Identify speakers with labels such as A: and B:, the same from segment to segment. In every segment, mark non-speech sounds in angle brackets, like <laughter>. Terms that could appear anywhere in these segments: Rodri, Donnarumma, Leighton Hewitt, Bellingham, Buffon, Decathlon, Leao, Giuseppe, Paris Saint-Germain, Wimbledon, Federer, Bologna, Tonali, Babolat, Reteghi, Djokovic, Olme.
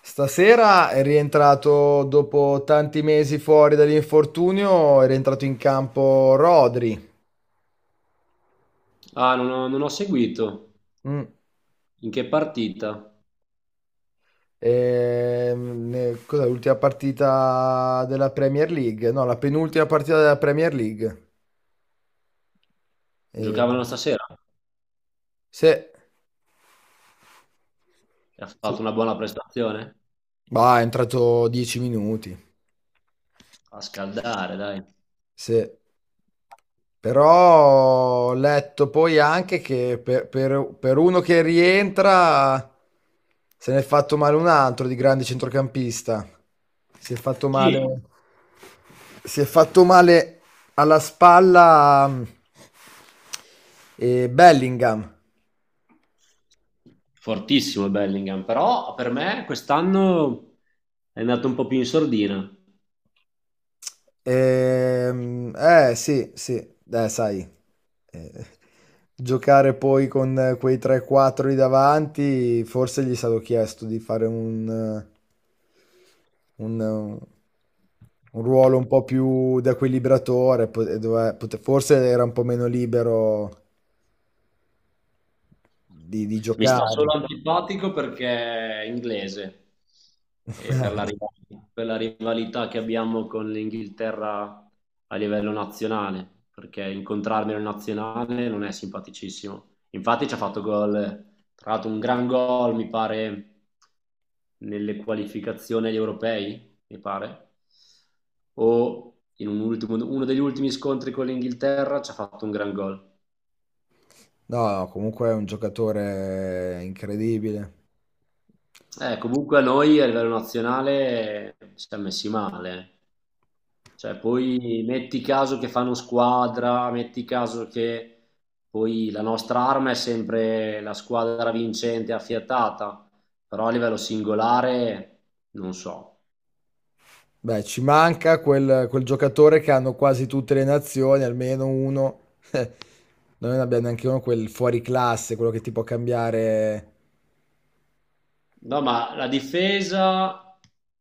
A: Stasera è rientrato dopo tanti mesi fuori dall'infortunio, è rientrato in campo Rodri.
B: Ah, non ho seguito.
A: Mm.
B: In che partita?
A: Cos'è l'ultima partita della Premier League? No, la penultima partita della Premier League. Eh,
B: Giocavano stasera
A: se,
B: e ha fatto
A: sì.
B: una buona prestazione?
A: Bah, è entrato 10 minuti.
B: A scaldare, dai.
A: Sì. Però ho letto poi anche che per uno che rientra se ne è fatto male un altro di grande centrocampista. Si è fatto
B: Sì.
A: male, si è fatto male alla spalla Bellingham.
B: Fortissimo Bellingham, però per me quest'anno è andato un po' più in sordina.
A: Eh sì, sì, sai. Eh, giocare poi con quei 3-4 lì davanti, forse gli è stato chiesto di fare un, eh, un ruolo un po' più da equilibratore, forse era un po' meno libero di
B: Mi sta
A: giocare.
B: solo antipatico perché è inglese e
A: <laughs>
B: per la rivalità che abbiamo con l'Inghilterra a livello nazionale, perché incontrarmi in nazionale non è simpaticissimo. Infatti ci ha fatto gol, tra l'altro un gran gol, mi pare, nelle qualificazioni agli europei, mi pare, o in uno degli ultimi scontri con l'Inghilterra ci ha fatto un gran gol.
A: No, no, comunque è un giocatore incredibile.
B: Comunque a noi a livello nazionale, ci siamo messi male. Cioè, poi metti caso che fanno squadra, metti caso che poi la nostra arma è sempre la squadra vincente affiatata, però a livello singolare non so.
A: Beh, ci manca quel giocatore che hanno quasi tutte le nazioni, almeno uno. <laughs> Noi non abbiamo neanche uno quel fuori classe, quello che ti può cambiare.
B: No, ma la difesa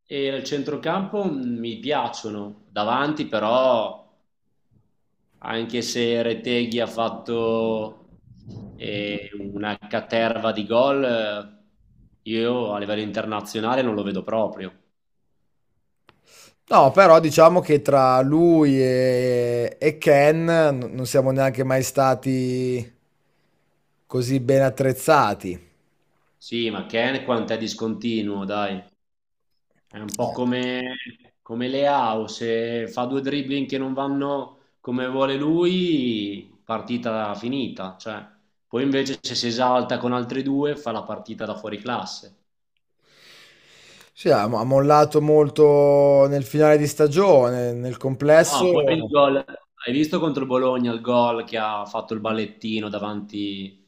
B: e il centrocampo mi piacciono, davanti però anche se Reteghi ha fatto una caterva di gol, io a livello internazionale non lo vedo proprio.
A: No, però diciamo che tra lui e Ken non siamo neanche mai stati così ben attrezzati.
B: Sì, ma Ken quanto è discontinuo, dai. È un po'
A: Eh,
B: come Leao, se fa due dribbling che non vanno come vuole lui, partita finita. Cioè, poi invece se si esalta con altri due, fa la partita da fuori classe.
A: Sì, ha mollato molto nel finale di stagione, nel
B: Ma
A: complesso.
B: no, poi il gol, hai visto contro il Bologna il gol che ha fatto il ballettino davanti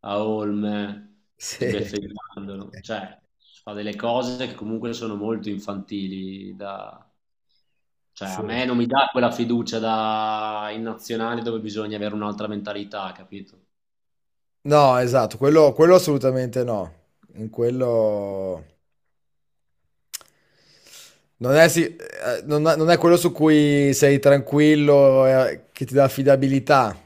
B: a Olme,
A: Sì,
B: sbeffeggiandolo,
A: <laughs>
B: cioè fa delle cose che comunque sono molto infantili. Cioè, a
A: sì.
B: me non mi dà quella fiducia in nazionale dove bisogna avere un'altra mentalità, capito?
A: No, esatto, quello assolutamente no. In quello... Non è, si- non è- Non è quello su cui sei tranquillo, che ti dà affidabilità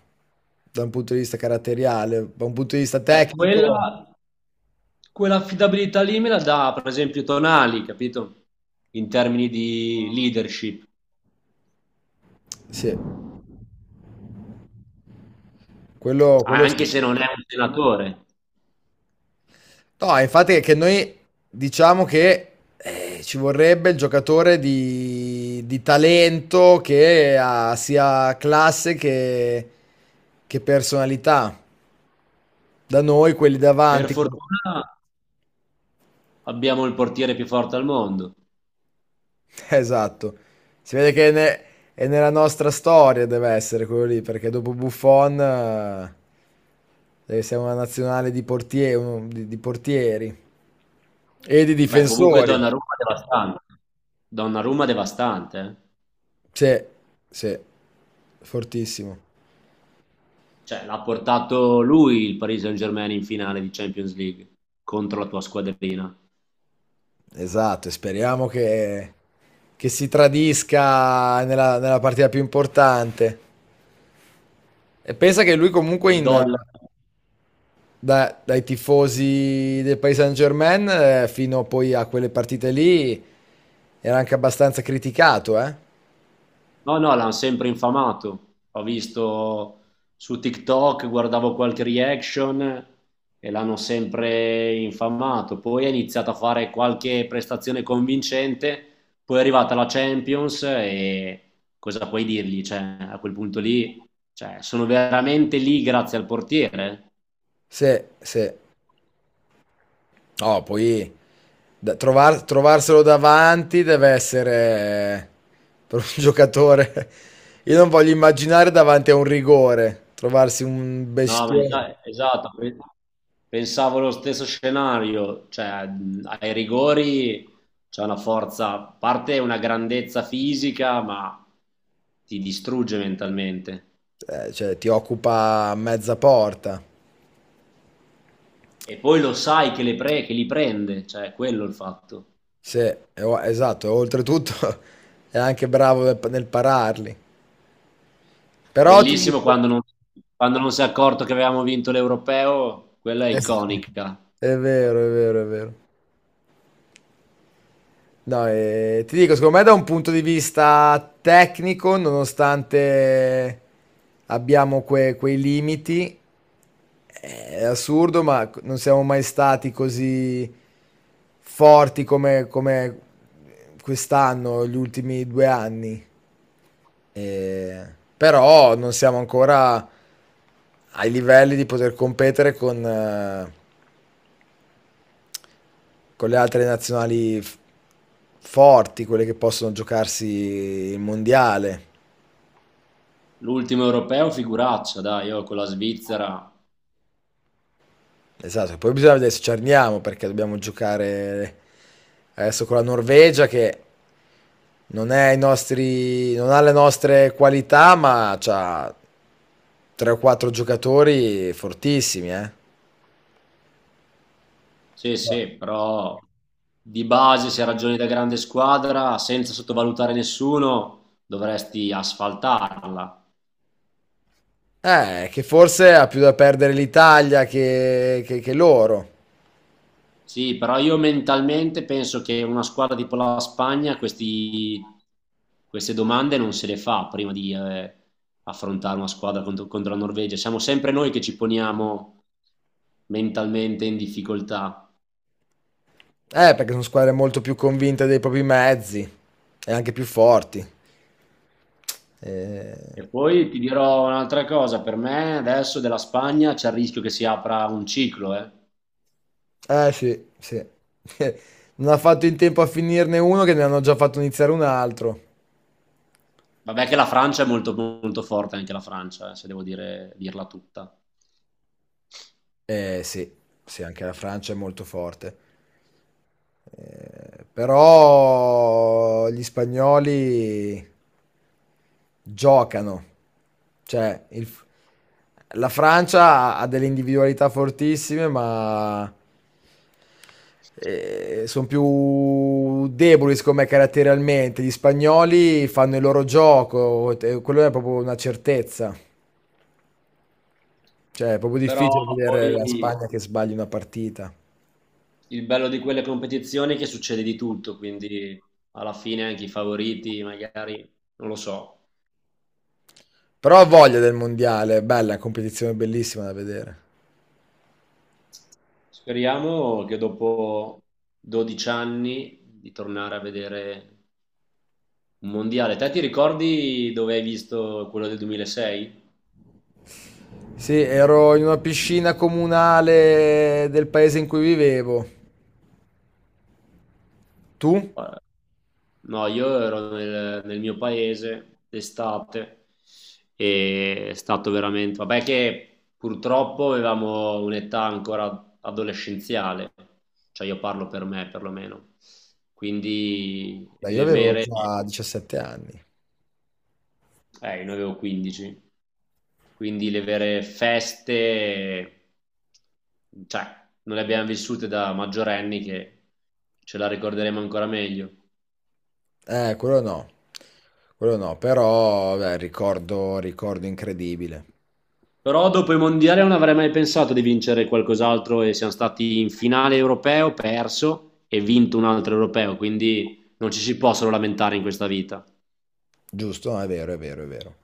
A: da un punto di vista caratteriale, da un punto di vista
B: Cioè,
A: tecnico.
B: quell'affidabilità lì me la dà, per esempio, Tonali, capito? In termini di leadership,
A: Sì, quello
B: anche
A: sì.
B: se non è un senatore.
A: No, infatti è che noi diciamo che ci vorrebbe il giocatore di talento che ha sia classe che personalità. Da noi quelli
B: Per
A: davanti, com-
B: fortuna abbiamo il portiere più forte al mondo.
A: <laughs> esatto. Si vede che è nella nostra storia deve essere quello lì, perché dopo Buffon deve essere una nazionale di portieri e di
B: Beh, comunque
A: difensori.
B: Donnarumma è devastante. Donnarumma è devastante, eh.
A: Sì, sì, fortissimo.
B: Cioè, l'ha portato lui il Paris Saint-Germain in finale di Champions League contro la tua squadrina.
A: Esatto, e speriamo che si tradisca nella partita più importante. E pensa che lui comunque
B: Dollari.
A: dai tifosi del Paris Saint-Germain fino poi a quelle partite lì era anche abbastanza criticato, eh?
B: No, no, l'hanno sempre infamato. Ho visto su TikTok, guardavo qualche reaction e l'hanno sempre infamato. Poi ha iniziato a fare qualche prestazione convincente, poi è arrivata la Champions e cosa puoi dirgli? Cioè, a quel punto lì, cioè, sono veramente lì grazie al portiere?
A: Sì, sì. No, poi trovarselo davanti deve essere eh, per un <laughs> giocatore. Io non voglio immaginare davanti a un rigore, trovarsi un
B: No, ma
A: bestione,
B: esatto, pensavo lo stesso scenario, cioè ai rigori c'è una forza, a parte una grandezza fisica, ma ti distrugge mentalmente.
A: cioè ti occupa mezza porta.
B: E poi lo sai che li prende, cioè quello è il fatto.
A: Sì, esatto, e oltretutto <laughs> è anche bravo nel pararli. Però ti
B: Bellissimo
A: dico,
B: quando non si è accorto che avevamo vinto l'europeo, quella è
A: Es-
B: iconica.
A: è vero, è vero, è vero. No, ti dico, secondo me da un punto di vista tecnico, nonostante abbiamo quei limiti, è assurdo, ma c- non siamo mai stati così forti come quest'anno, gli ultimi due anni. Eh, però non siamo ancora ai livelli di poter competere con le altre nazionali forti, quelle che possono giocarsi il mondiale.
B: L'ultimo europeo, figuraccia, dai, io con la Svizzera.
A: Esatto, poi bisogna vedere se ci arniamo perché dobbiamo giocare adesso con la Norvegia che non, è i nostri, non ha le nostre qualità, ma ha tre o quattro giocatori fortissimi, eh.
B: Sì, sì, però di base se ragioni da grande squadra, senza sottovalutare nessuno, dovresti asfaltarla.
A: Che forse ha più da perdere l'Italia che loro.
B: Sì, però io mentalmente penso che una squadra tipo la Spagna queste domande non se le fa prima di affrontare una squadra contro la Norvegia. Siamo sempre noi che ci poniamo mentalmente in difficoltà.
A: Perché sono squadre molto più convinte dei propri mezzi e anche più forti. Eh,
B: E poi ti dirò un'altra cosa, per me adesso della Spagna c'è il rischio che si apra un ciclo, eh.
A: sì, sì. <laughs> Non ha fatto in tempo a finirne uno che ne hanno già fatto iniziare un altro.
B: Vabbè che la Francia è molto, molto forte, anche la Francia, se devo dirla tutta.
A: Eh sì, sì, anche la Francia è molto forte. Però gli spagnoli giocano. Cioè, il- la Francia ha delle individualità fortissime, ma sono più deboli, secondo me, caratterialmente. Gli spagnoli fanno il loro gioco, e quello è proprio una certezza. Cioè, è proprio
B: Però
A: difficile vedere la
B: poi
A: Spagna che sbagli una partita.
B: il bello di quelle competizioni è che succede di tutto, quindi alla fine anche i favoriti, magari, non lo so.
A: Però ho voglia del mondiale, è bella, è una competizione bellissima da vedere.
B: Speriamo che dopo 12 anni di tornare a vedere un mondiale. Te ti ricordi dove hai visto quello del 2006?
A: Sì, ero in una piscina comunale del paese in cui vivevo. Tu?
B: No, io ero nel mio paese d'estate e è stato veramente. Vabbè che purtroppo avevamo un'età ancora adolescenziale, cioè io parlo per me perlomeno, quindi
A: Beh, io
B: le
A: avevo
B: vere.
A: già 17 anni.
B: Io ne avevo 15, quindi le vere feste, cioè, non le abbiamo vissute da maggiorenni che ce la ricorderemo ancora meglio.
A: Quello no. Quello no, però, beh, ricordo, ricordo incredibile.
B: Però dopo i mondiali non avrei mai pensato di vincere qualcos'altro e siamo stati in finale europeo, perso e vinto un altro europeo, quindi non ci si può solo lamentare in questa vita.
A: Giusto? No, è vero, è vero, è vero.